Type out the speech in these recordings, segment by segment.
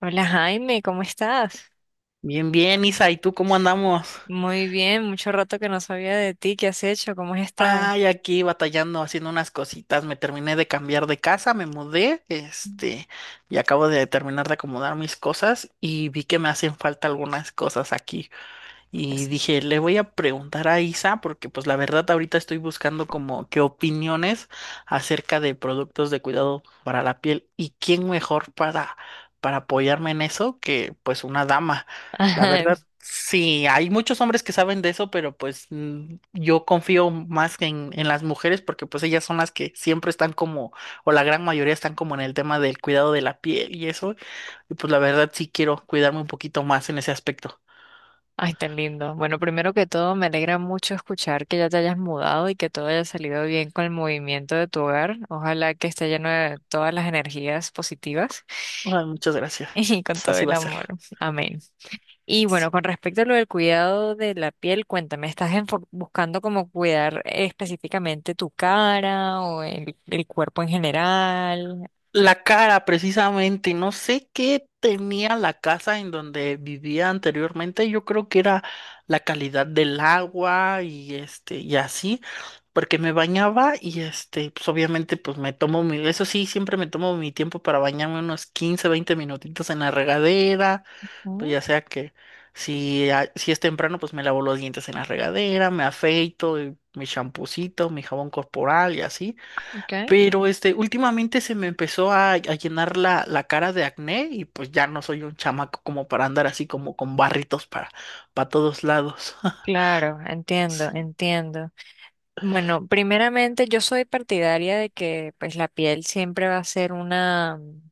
Hola Jaime, ¿cómo estás? Bien, bien, Isa, ¿y tú cómo andamos? Muy bien, mucho rato que no sabía de ti, ¿qué has hecho? ¿Cómo has estado? Ay, aquí batallando, haciendo unas cositas. Me terminé de cambiar de casa, me mudé, y acabo de terminar de acomodar mis cosas y vi que me hacen falta algunas cosas aquí. Y Eso. dije, le voy a preguntar a Isa porque pues la verdad ahorita estoy buscando como qué opiniones acerca de productos de cuidado para la piel y quién mejor para apoyarme en eso que pues una dama. La Ay, verdad, sí, hay muchos hombres que saben de eso, pero pues yo confío más en las mujeres porque pues ellas son las que siempre están como o la gran mayoría están como en el tema del cuidado de la piel y eso. Y pues la verdad sí quiero cuidarme un poquito más en ese aspecto. ay, tan lindo. Bueno, primero que todo, me alegra mucho escuchar que ya te hayas mudado y que todo haya salido bien con el movimiento de tu hogar. Ojalá que esté lleno de todas las energías positivas Ay, muchas gracias. y con todo Así el va a ser. amor. Amén. Y Sí. bueno, con respecto a lo del cuidado de la piel, cuéntame, ¿ buscando como cuidar específicamente tu cara o el cuerpo en general? La cara, precisamente, no sé qué tenía la casa en donde vivía anteriormente. Yo creo que era la calidad del agua y y así, porque me bañaba y pues obviamente, pues me tomo eso sí, siempre me tomo mi tiempo para bañarme unos 15 20 minutitos en la regadera, pues Mm. ya sea que si, si es temprano, pues me lavo los dientes en la regadera, me afeito, y mi champucito, mi jabón corporal y así. Okay. Pero últimamente se me empezó a llenar la cara de acné y pues ya no soy un chamaco como para andar así como con barritos para todos lados. Claro, entiendo, Sí. entiendo. Bueno, primeramente yo soy partidaria de que pues la piel siempre va a ser una, mm,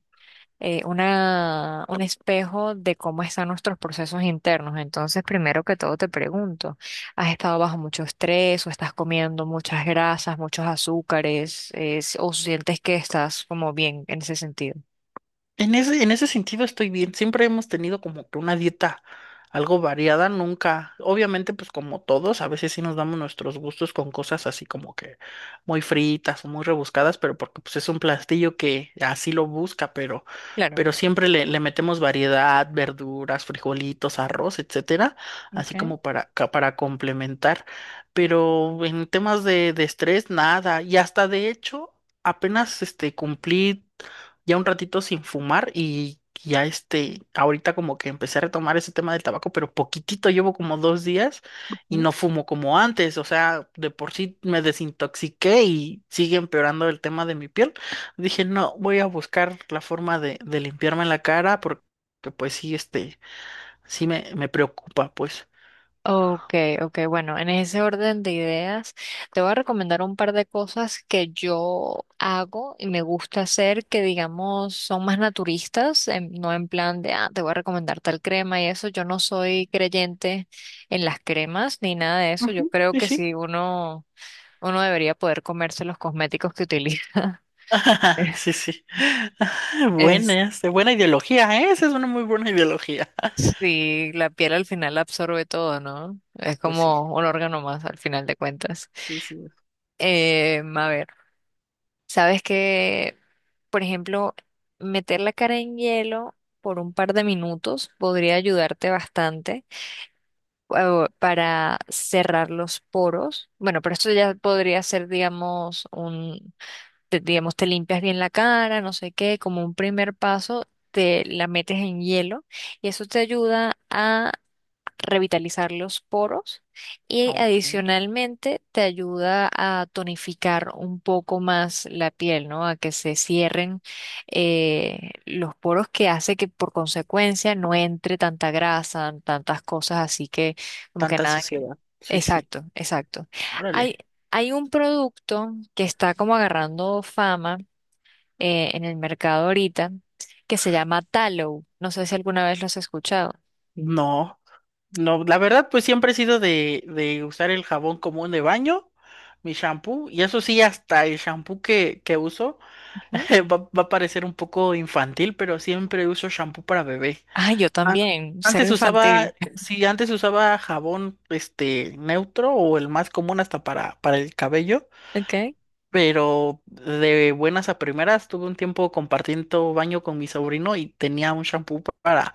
eh, una, un espejo de cómo están nuestros procesos internos. Entonces, primero que todo te pregunto, ¿has estado bajo mucho estrés o estás comiendo muchas grasas, muchos azúcares, o sientes que estás como bien en ese sentido? En ese sentido estoy bien. Siempre hemos tenido como que una dieta algo variada, nunca. Obviamente, pues como todos, a veces sí nos damos nuestros gustos con cosas así como que muy fritas o muy rebuscadas, pero porque pues es un plastillo que así lo busca, Claro. pero siempre le metemos variedad, verduras, frijolitos, arroz, etcétera, así Okay. como para, para complementar. Pero en temas de estrés, nada. Y hasta de hecho, apenas cumplí ya un ratito sin fumar y ya ahorita como que empecé a retomar ese tema del tabaco, pero poquitito, llevo como 2 días y no fumo como antes, o sea, de por sí me desintoxiqué y sigue empeorando el tema de mi piel. Dije, no, voy a buscar la forma de limpiarme la cara porque pues sí, sí me preocupa, pues. Ok, ok, bueno, en ese orden de ideas, te voy a recomendar un par de cosas que yo hago y me gusta hacer que, digamos, son más naturistas, no en plan de, ah, te voy a recomendar tal crema y eso. Yo no soy creyente en las cremas ni nada de eso. Yo Ujú, creo sí, que sí. sí, uno, uno debería poder comerse los cosméticos que utiliza. Sí, sí. Es, Buena, buena ideología, ¿eh? Esa es una muy buena ideología. sí, la piel al final absorbe todo, ¿no? Es Pues sí, como un órgano más al final de cuentas. sí, sí. A ver. Sabes que, por ejemplo, meter la cara en hielo por un par de minutos podría ayudarte bastante para cerrar los poros. Bueno, pero esto ya podría ser, digamos, digamos, te limpias bien la cara, no sé qué, como un primer paso, te la metes en hielo y eso te ayuda revitalizar los poros y Ah, ok. adicionalmente te ayuda a tonificar un poco más la piel, ¿no? A que se cierren los poros, que hace que por consecuencia no entre tanta grasa, tantas cosas así que como que Tanta nada que... sociedad. Sí, sí. Exacto, exacto. Órale. Hay, hay un producto que está como agarrando fama en el mercado ahorita que se llama Tallow. No sé si alguna vez lo has escuchado. No, no, la verdad, pues siempre he sido de usar el jabón común de baño, mi shampoo, y eso sí, hasta el shampoo que uso va, va a parecer un poco infantil, pero siempre uso shampoo para bebé. Ah, yo A- también, cero Antes usaba, infantil. sí, antes usaba jabón neutro o el más común hasta para el cabello. Ok. Pero de buenas a primeras tuve un tiempo compartiendo baño con mi sobrino y tenía un shampoo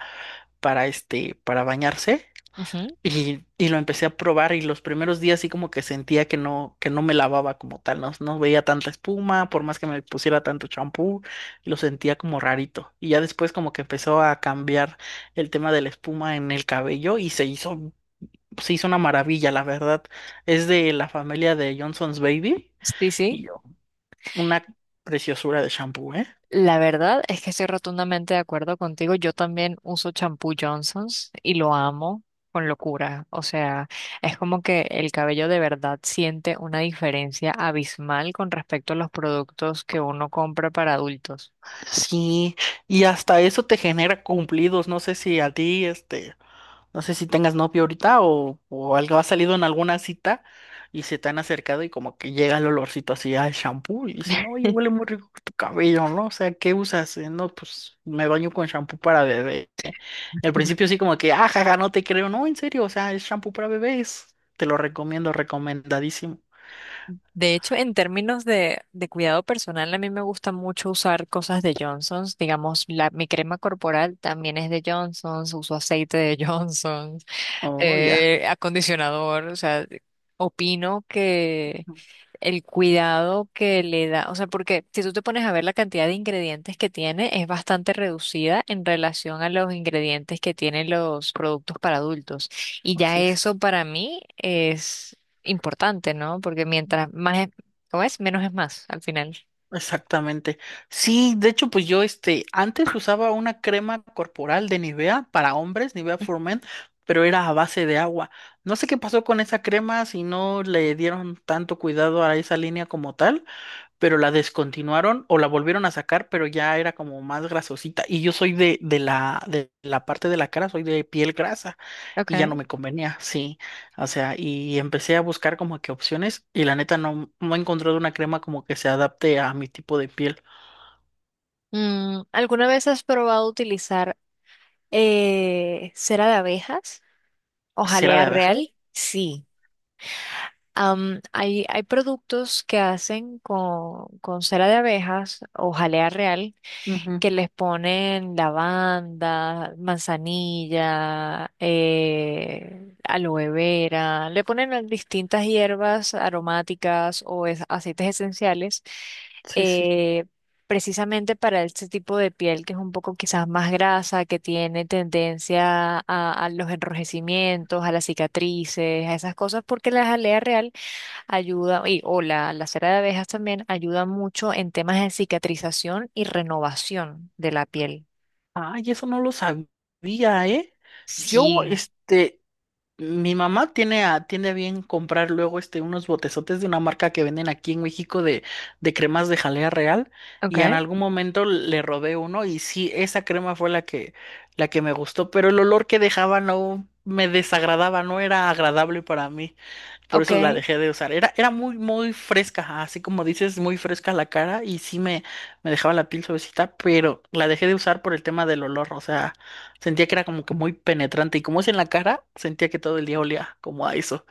para para bañarse Ujú, y lo empecé a probar y los primeros días sí como que sentía que no me lavaba como tal, no, no veía tanta espuma, por más que me pusiera tanto shampoo, lo sentía como rarito. Y ya después como que empezó a cambiar el tema de la espuma en el cabello y se hizo una maravilla, la verdad. Es de la familia de Johnson's Baby, sí, sí. una preciosura de shampoo, ¿eh? La verdad es que estoy rotundamente de acuerdo contigo. Yo también uso champú Johnson's y lo amo con locura. O sea, es como que el cabello de verdad siente una diferencia abismal con respecto a los productos que uno compra para adultos. Sí, y hasta eso te genera cumplidos. No sé si a ti, no sé si tengas novio ahorita o algo ha salido en alguna cita y se te han acercado y como que llega el olorcito así al shampoo y dicen, oye, huele muy rico tu cabello, ¿no? O sea, ¿qué usas? No, pues me baño con shampoo para bebé. Y al principio sí como que, ah, jaja, no te creo. No, en serio, o sea, es shampoo para bebés. Te lo recomiendo, recomendadísimo. De hecho, en términos de cuidado personal, a mí me gusta mucho usar cosas de Johnson's. Digamos, la, mi crema corporal también es de Johnson's, uso aceite de Johnson's, Oh, ya. Acondicionador. O sea, opino que el cuidado que le da, o sea, porque si tú te pones a ver la cantidad de ingredientes que tiene, es bastante reducida en relación a los ingredientes que tienen los productos para adultos. Y Oh, ya sí. eso para mí es importante, ¿no? Porque mientras más es, ¿cómo es? Menos es más al final. Exactamente. Sí, de hecho, pues yo antes usaba una crema corporal de Nivea para hombres, Nivea for Men, pero era a base de agua. No sé qué pasó con esa crema, si no le dieron tanto cuidado a esa línea como tal, pero la descontinuaron o la volvieron a sacar, pero ya era como más grasosita. Y yo soy de, de la parte de la cara, soy de piel grasa y ya Okay. no me convenía, sí. O sea, y empecé a buscar como que opciones y la neta no, no he encontrado una crema como que se adapte a mi tipo de piel. Mm, ¿alguna vez has probado utilizar cera de abejas o Cera jalea de abeja. real? Sí. Hay productos que hacen con cera de abejas o jalea real, Ujú, que les ponen lavanda, manzanilla, aloe vera, le ponen a distintas hierbas aromáticas o aceites esenciales, sí, sí. eh, precisamente para este tipo de piel, que es un poco quizás más grasa, que tiene tendencia a los enrojecimientos, a las cicatrices, a esas cosas, porque la jalea real ayuda, o la cera de abejas también ayuda mucho en temas de cicatrización y renovación de la piel. Ay, eso no lo sabía, ¿eh? Yo, Sí, este, mi mamá tiene a, tiene a bien comprar luego unos botezotes de una marca que venden aquí en México de cremas de jalea real ok, y en algún momento le robé uno y sí, esa crema fue la que me gustó, pero el olor que dejaba no me desagradaba, no era agradable para mí, por ok, eso la dejé de usar. Era, era muy, muy fresca, así como dices, muy fresca la cara y sí me dejaba la piel suavecita, pero la dejé de usar por el tema del olor, o sea... Sentía que era como que muy penetrante y como es en la cara, sentía que todo el día olía como a eso.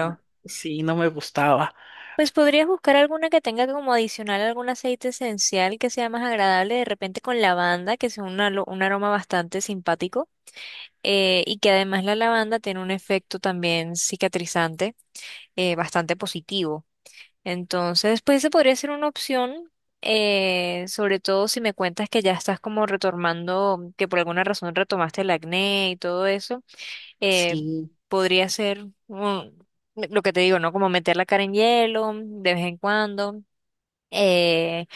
No, sí, no me gustaba. Pues podrías buscar alguna que tenga como adicional algún aceite esencial que sea más agradable, de repente con lavanda, que sea un aroma bastante simpático, y que además la lavanda tiene un efecto también cicatrizante bastante positivo. Entonces, pues esa podría ser una opción, sobre todo si me cuentas que ya estás como retomando, que por alguna razón retomaste el acné y todo eso, eh, Sí, podría ser lo que te digo, ¿no? Como meter la cara en hielo de vez en cuando. eh,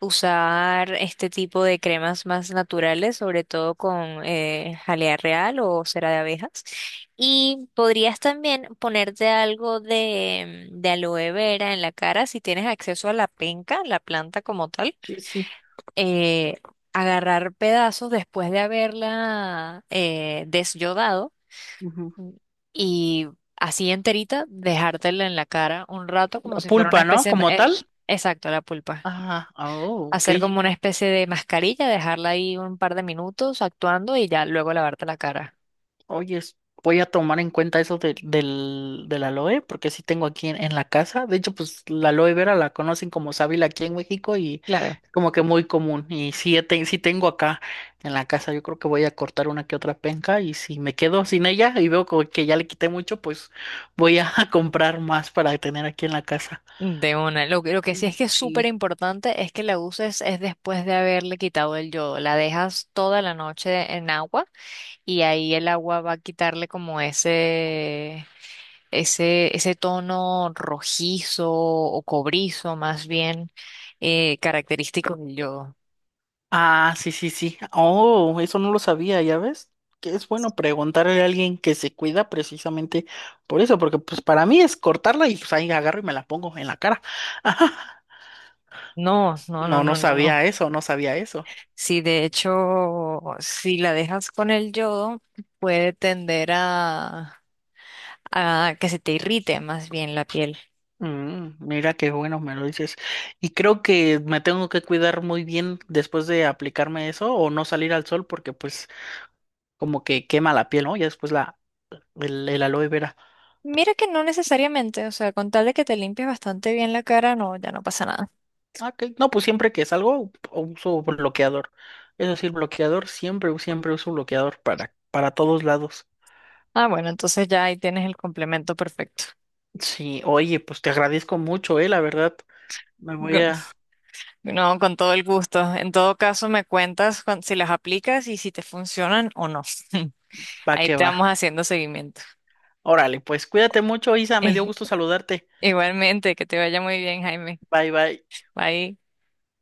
Usar este tipo de cremas más naturales, sobre todo con jalea real o cera de abejas. Y podrías también ponerte algo de, de aloe vera en la cara si tienes acceso a la penca, la planta como tal. sí, sí. Eh, agarrar pedazos después de haberla desyodado, Ujú. mm, y así enterita, dejártela en la cara un rato como La si fuera una pulpa, ¿no? especie... Como tal. exacto, la pulpa, Ah, oh, ok. hacer como una especie de mascarilla, dejarla ahí un par de minutos actuando y ya luego lavarte la cara. Oye, voy a tomar en cuenta eso del, del aloe, porque sí tengo aquí en la casa. De hecho, pues la aloe vera la conocen como sábila aquí en México y Claro. es como que muy común. Y sí, sí tengo acá en la casa. Yo creo que voy a cortar una que otra penca y si me quedo sin ella y veo como que ya le quité mucho, pues voy a comprar más para tener aquí en la casa. De una. Lo que sí es que es súper Sí. importante es que la uses es después de haberle quitado el yodo. La dejas toda la noche en agua y ahí el agua va a quitarle como ese tono rojizo o cobrizo más bien, característico del yodo. Ah, sí, sí, sí. Oh, eso no lo sabía, ¿ya ves? Que es bueno preguntarle a alguien que se cuida precisamente por eso, porque pues para mí es cortarla y pues ahí agarro y me la pongo en la cara. No, no, no, No, no no, no, no. sabía eso, no sabía eso. Sí, de hecho, si la dejas con el yodo, puede tender a que se te irrite más bien la piel. Mm, mira qué bueno me lo dices. Y creo que me tengo que cuidar muy bien después de aplicarme eso o no salir al sol porque pues como que quema la piel, ¿no? Ya después la el aloe vera. Mira que no necesariamente, o sea, con tal de que te limpies bastante bien la cara, no, ya no pasa nada. Ah, ok. No, pues siempre que salgo uso bloqueador. Es decir, bloqueador, siempre, siempre uso bloqueador para todos lados. Ah, bueno, entonces ya ahí tienes el complemento perfecto. Sí, oye, pues te agradezco mucho, la verdad. Me voy Con- a... No, con todo el gusto. En todo caso, me cuentas si las aplicas y si te funcionan o no. Va Ahí que te va. vamos haciendo seguimiento. Órale, pues cuídate mucho, Isa, me dio gusto saludarte. Igualmente, que te vaya muy bien, Jaime. Bye, bye. Bye.